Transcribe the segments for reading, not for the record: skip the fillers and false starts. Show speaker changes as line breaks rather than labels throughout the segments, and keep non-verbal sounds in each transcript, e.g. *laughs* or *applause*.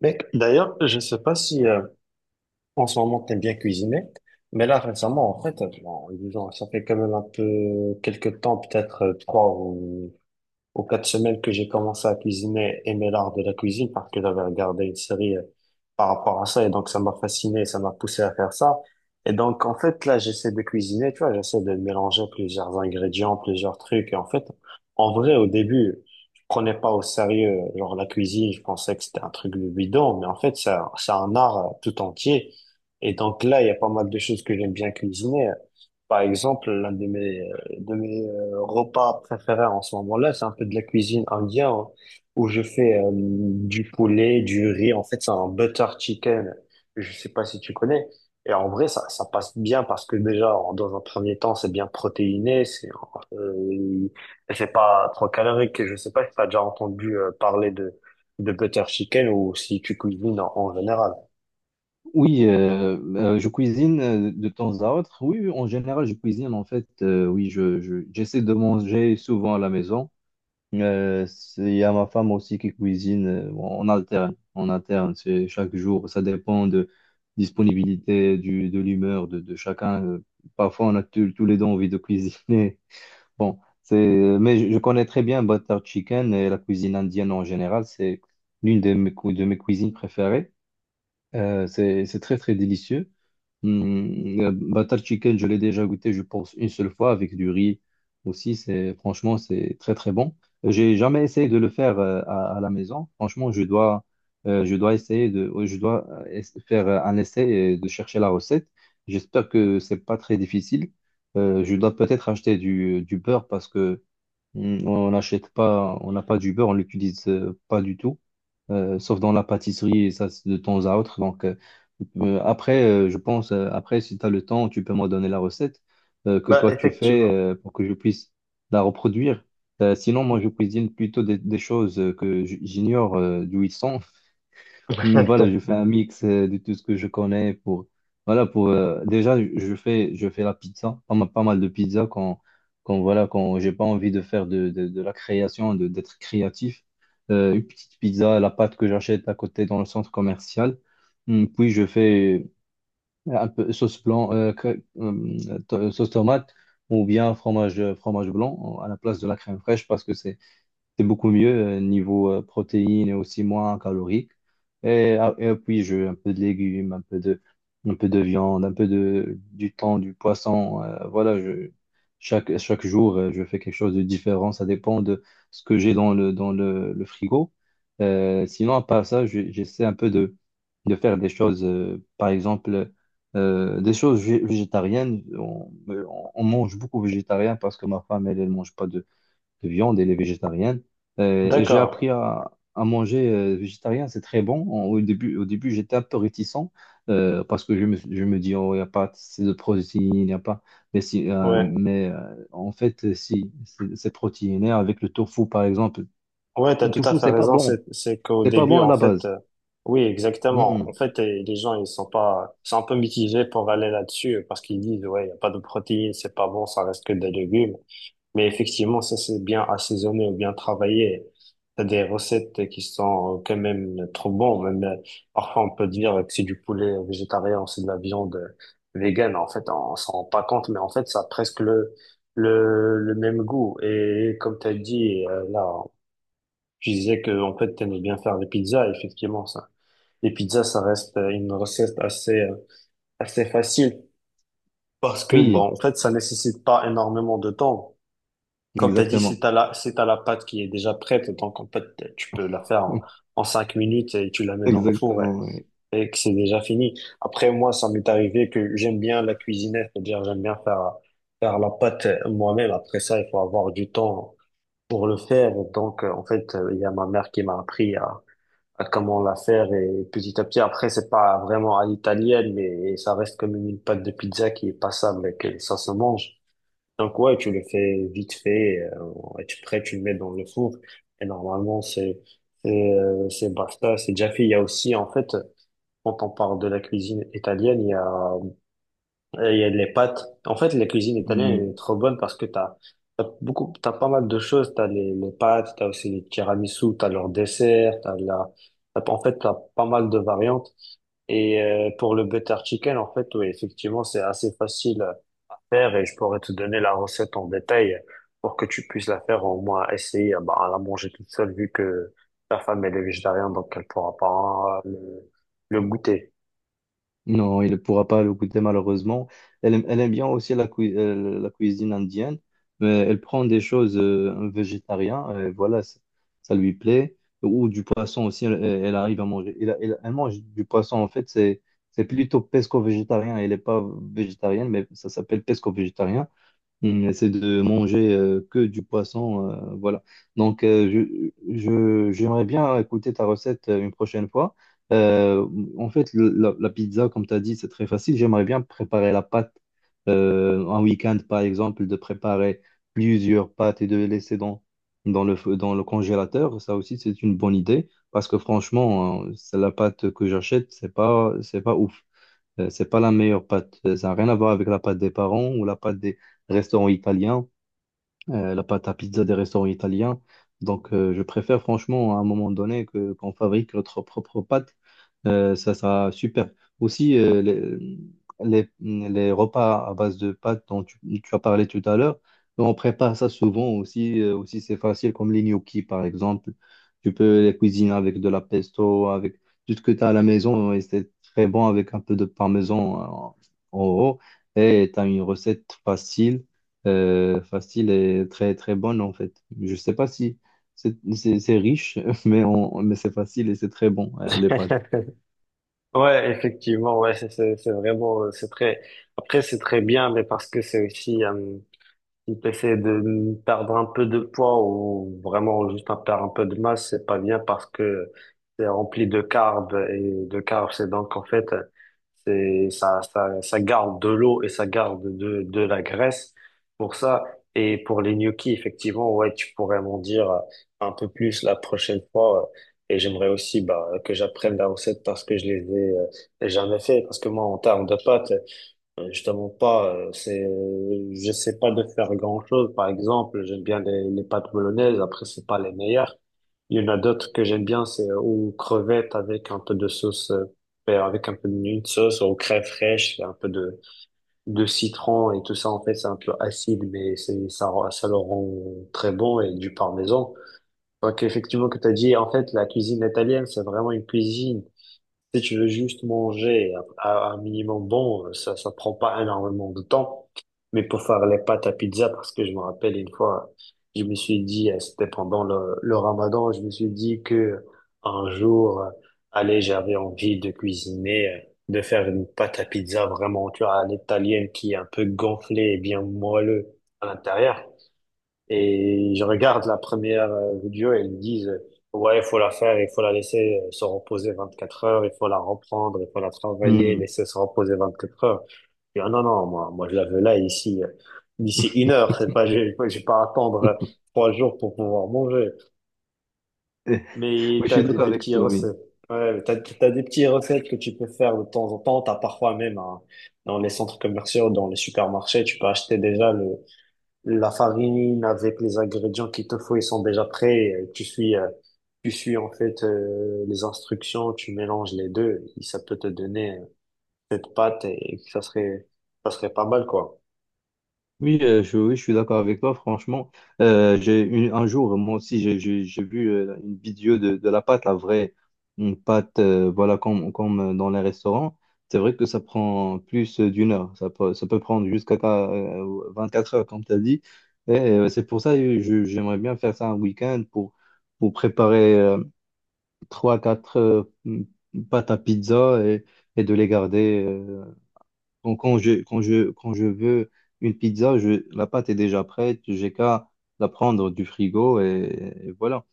Mais d'ailleurs, je ne sais pas si en ce moment t'aimes bien cuisiner, mais là récemment, en fait, bon, disons, ça fait quand même un peu quelques temps, peut-être trois ou aux quatre semaines que j'ai commencé à cuisiner, aimer l'art de la cuisine parce que j'avais regardé une série par rapport à ça et donc ça m'a fasciné, ça m'a poussé à faire ça. Et donc, en fait, là, j'essaie de cuisiner, tu vois, j'essaie de mélanger plusieurs ingrédients, plusieurs trucs. Et en fait, en vrai, au début, je prenais pas au sérieux, genre la cuisine, je pensais que c'était un truc de bidon, mais en fait, c'est un art tout entier. Et donc là, il y a pas mal de choses que j'aime bien cuisiner. Par exemple, l'un de mes de mes repas préférés en ce moment-là, c'est un peu de la cuisine indienne hein, où je fais du poulet, du riz. En fait, c'est un butter chicken. Je sais pas si tu connais. Et en vrai, ça passe bien parce que déjà, dans un premier temps, c'est bien protéiné. C'est pas trop calorique. Je sais pas si tu as déjà entendu parler de butter chicken ou si tu cuisines en, en général.
Oui, je cuisine de temps à autre. Oui, oui, en général, je cuisine en fait. Oui, j'essaie de manger souvent à la maison. Il y a ma femme aussi qui cuisine. Bon, on alterne, on alterne. C'est chaque jour. Ça dépend de disponibilité, de l'humeur de chacun. Parfois, on a tous les deux envie de cuisiner. *laughs* Bon, c'est. Mais je connais très bien butter chicken et la cuisine indienne en général. C'est l'une de mes cuisines préférées. C'est, très très délicieux. Hum, le butter chicken, je l'ai déjà goûté, je pense, une seule fois avec du riz aussi. C'est, franchement, c'est très très bon. J'ai jamais essayé de le faire à la maison. Franchement, je dois essayer de, je dois es- faire un essai et de chercher la recette. J'espère que c'est pas très difficile. Je dois peut-être acheter du beurre parce que on n'achète pas, on n'a pas du beurre, on l'utilise pas du tout, sauf dans la pâtisserie et ça c'est de temps à autre. Donc après, je pense, après, si tu as le temps, tu peux me donner la recette que
Bah,
toi tu fais
effectivement.
pour que je puisse la reproduire. Sinon, moi je cuisine plutôt des choses que j'ignore d'où ils sont.
*laughs*
Voilà, je fais un mix de tout ce que je connais pour voilà, pour déjà, je fais la pizza pas mal, pas mal de pizza quand quand voilà, quand j'ai pas envie de faire de la création de d'être créatif. Une petite pizza, la pâte que j'achète à côté dans le centre commercial, puis je fais un peu sauce blanc sauce tomate, ou bien fromage blanc à la place de la crème fraîche, parce que c'est beaucoup mieux niveau protéines et aussi moins calorique. Et, ah, et puis, je, un peu de légumes, un peu de viande, du thon, du poisson. Voilà, je, chaque jour, je fais quelque chose de différent. Ça dépend de ce que j'ai dans le, le frigo. Sinon, à part ça, j'essaie un peu de faire des choses, par exemple, des choses végétariennes. On mange beaucoup végétarien parce que ma femme, elle mange pas de viande, elle est végétarienne. Et j'ai
D'accord.
appris à manger végétarien, c'est très bon. Au début, j'étais un peu réticent parce que je me dis, oh, il n'y a pas assez de protéines, il n'y a pas. Mais, si,
Ouais.
en fait, si, c'est protéiné avec le tofu, par exemple.
Ouais, t'as
Le
tout à
tofu,
fait
c'est pas
raison.
bon.
C'est qu'au
C'est pas
début,
bon à
en
la
fait,
base.
oui, exactement. En
Hmm.
fait, les gens, ils sont pas, ils sont un peu mitigés pour aller là-dessus parce qu'ils disent, ouais, il y a pas de protéines, c'est pas bon, ça reste que des légumes. Mais effectivement, ça, c'est bien assaisonné ou bien travaillé. T'as des recettes qui sont quand même trop bonnes. Même, parfois, on peut dire que c'est du poulet végétarien, c'est de la viande végane. En fait, on s'en rend pas compte, mais en fait, ça a presque le, le même goût. Et comme t'as dit, là, tu disais que en fait t'aimes bien faire des pizzas, effectivement ça. Les pizzas ça reste une recette assez assez facile parce que
Oui,
bon en fait ça nécessite pas énormément de temps. Comme t'as dit, si
exactement.
t'as la si t'as la pâte qui est déjà prête, donc en fait tu peux la faire en,
*laughs*
en 5 minutes et tu la mets dans le four
Exactement,
et que c'est déjà fini. Après moi ça m'est arrivé que j'aime bien la cuisiner, c'est-à-dire j'aime bien faire faire la pâte moi-même. Après ça il faut avoir du temps pour le faire, donc en fait il y a ma mère qui m'a appris à comment la faire, et petit à petit après c'est pas vraiment à l'italienne, mais ça reste comme une pâte de pizza qui est passable et que ça se mange, donc ouais tu le fais vite fait, et tu prêt tu le mets dans le four et normalement c'est c'est basta, c'est déjà fait. Il y a aussi en fait, quand on parle de la cuisine italienne, il y a il y a les pâtes. En fait, la cuisine italienne
oui.
est trop bonne parce que t'as, t'as beaucoup, t'as pas mal de choses. T'as les pâtes, t'as aussi les tiramisu, t'as leurs desserts, t'as en fait, t'as pas mal de variantes. Et pour le butter chicken, en fait, oui, effectivement, c'est assez facile à faire et je pourrais te donner la recette en détail pour que tu puisses la faire, au moins essayer bah, à la manger toute seule vu que ta femme elle est végétarienne, donc elle pourra pas le goûter.
Non, il ne pourra pas le goûter malheureusement. Elle aime bien aussi la cuisine indienne, mais elle prend des choses végétariennes, et voilà, ça lui plaît. Ou du poisson aussi, elle arrive à manger. Elle mange du poisson, en fait, c'est plutôt pesco-végétarien. Elle n'est pas végétarienne, mais ça s'appelle pesco-végétarien. C'est de manger que du poisson, voilà. Donc, j'aimerais bien écouter ta recette une prochaine fois. Euh, En fait, la pizza, comme tu as dit, c'est très facile. J'aimerais bien préparer la pâte un week-end, par exemple, de préparer plusieurs pâtes et de les laisser dans le congélateur. Ça aussi, c'est une bonne idée parce que franchement, hein, c'est la pâte que j'achète, c'est pas ouf. C'est pas la meilleure pâte. Ça n'a rien à voir avec la pâte des parents, ou la pâte des restaurants italiens, la pâte à pizza des restaurants italiens. Donc, je préfère franchement, à un moment donné, que qu'on fabrique notre propre pâte. Ça sera super. Aussi, les, les repas à base de pâte dont tu as parlé tout à l'heure, on prépare ça souvent aussi. Aussi, c'est facile, comme les gnocchis, par exemple. Tu peux les cuisiner avec de la pesto, avec tout ce que tu as à la maison. Et c'est très bon avec un peu de parmesan en haut. Et tu as une recette facile, facile et très très bonne en fait. Je sais pas si c'est riche, *laughs* mais, c'est facile et c'est très bon, les
*laughs*
pâtes.
Ouais, effectivement, ouais, c'est c'est vraiment c'est très après c'est très bien mais, parce que c'est aussi si t'essaies de perdre un peu de poids ou vraiment juste un perdre un peu de masse, c'est pas bien parce que c'est rempli de carbs, et de carbs, c'est donc en fait, c'est, ça, ça garde de l'eau et ça garde de la graisse pour ça. Et pour les gnocchis, effectivement, ouais, tu pourrais m'en dire un peu plus la prochaine fois. Et j'aimerais aussi, bah, que j'apprenne la recette parce que je les ai jamais fait. Parce que moi, en termes de pâtes, justement pas, j'essaie pas de faire grand-chose. Par exemple, j'aime bien les pâtes bolognaises. Après, c'est pas les meilleures. Il y en a d'autres que j'aime bien, c'est aux crevettes avec un peu de sauce, avec un peu d'une sauce, aux craies fraîches, un peu de citron et tout ça. En fait, c'est un peu acide, mais c'est, ça, ça le rend très bon, et du parmesan. Donc, effectivement, que t'as dit, en fait, la cuisine italienne, c'est vraiment une cuisine si tu veux juste manger à un minimum bon, ça prend pas énormément de temps. Mais pour faire les pâtes à pizza, parce que je me rappelle une fois, je me suis dit, c'était pendant le Ramadan, je me suis dit que un jour, allez, j'avais envie de cuisiner, de faire une pâte à pizza vraiment, tu vois, à l'italienne qui est un peu gonflée et bien moelleux à l'intérieur. Et je regarde la première vidéo et ils disent, ouais, il faut la faire, il faut la laisser se reposer 24 heures, il faut la reprendre, il faut la travailler,
Hmm.
laisser se reposer 24 heures. Je dis, ah, non, non, moi, je la veux là, ici, d'ici 1 heure, c'est pas, *laughs* j'ai pas à attendre trois jours pour pouvoir manger.
*laughs*
Mais
Oui, je
t'as
suis d'accord
des
avec
petits
toi, oui.
recettes. Ouais, t'as, t'as des petites recettes que tu peux faire de temps en temps. T'as parfois même dans les centres commerciaux, dans les supermarchés, tu peux acheter déjà le, la farine avec les ingrédients qu'il te faut, ils sont déjà prêts. Et tu suis, tu suis en fait les instructions, tu mélanges les deux. Et ça peut te donner cette pâte et ça serait pas mal quoi.
Oui, oui, je suis d'accord avec toi, franchement. Un jour, moi aussi, j'ai vu une vidéo de la pâte, la vraie, une pâte, voilà, comme, comme dans les restaurants. C'est vrai que ça prend plus d'une heure. Ça peut prendre jusqu'à 24 heures, comme tu as dit. Et c'est pour ça que j'aimerais bien faire ça un week-end pour, préparer trois quatre pâtes à pizza, et de les garder. Quand, quand je veux une pizza, je, la pâte est déjà prête, j'ai qu'à la prendre du frigo, et voilà.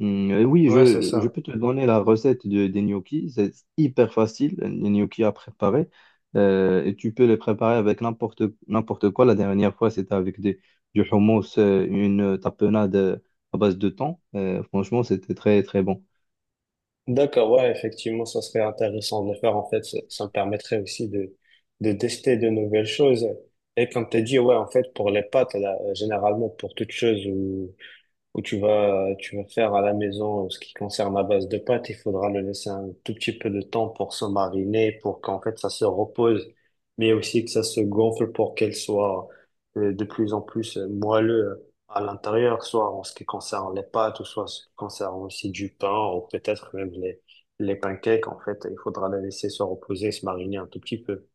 Et oui,
Ouais, c'est ça.
je peux te donner la recette des gnocchis, c'est hyper facile, les gnocchis à préparer. Et tu peux les préparer avec n'importe quoi. La dernière fois, c'était avec du hummus, une tapenade à base de thon. Franchement, c'était très, très bon.
D'accord, ouais, effectivement, ça serait intéressant de le faire. En fait, ça me permettrait aussi de tester de nouvelles choses. Et comme tu as dit, ouais, en fait, pour les pâtes, là, généralement, pour toute chose où tu vas faire à la maison ce qui concerne la base de pâte, il faudra le laisser un tout petit peu de temps pour se mariner, pour qu'en fait ça se repose, mais aussi que ça se gonfle pour qu'elle soit de plus en plus moelleux à l'intérieur, soit en ce qui concerne les pâtes, ou soit en ce qui concerne aussi du pain, ou peut-être même les pancakes, en fait, il faudra les laisser se reposer, se mariner un tout petit peu.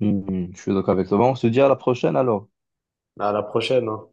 Je suis d'accord avec toi. Bon, on se dit à la prochaine alors.
À la prochaine, hein.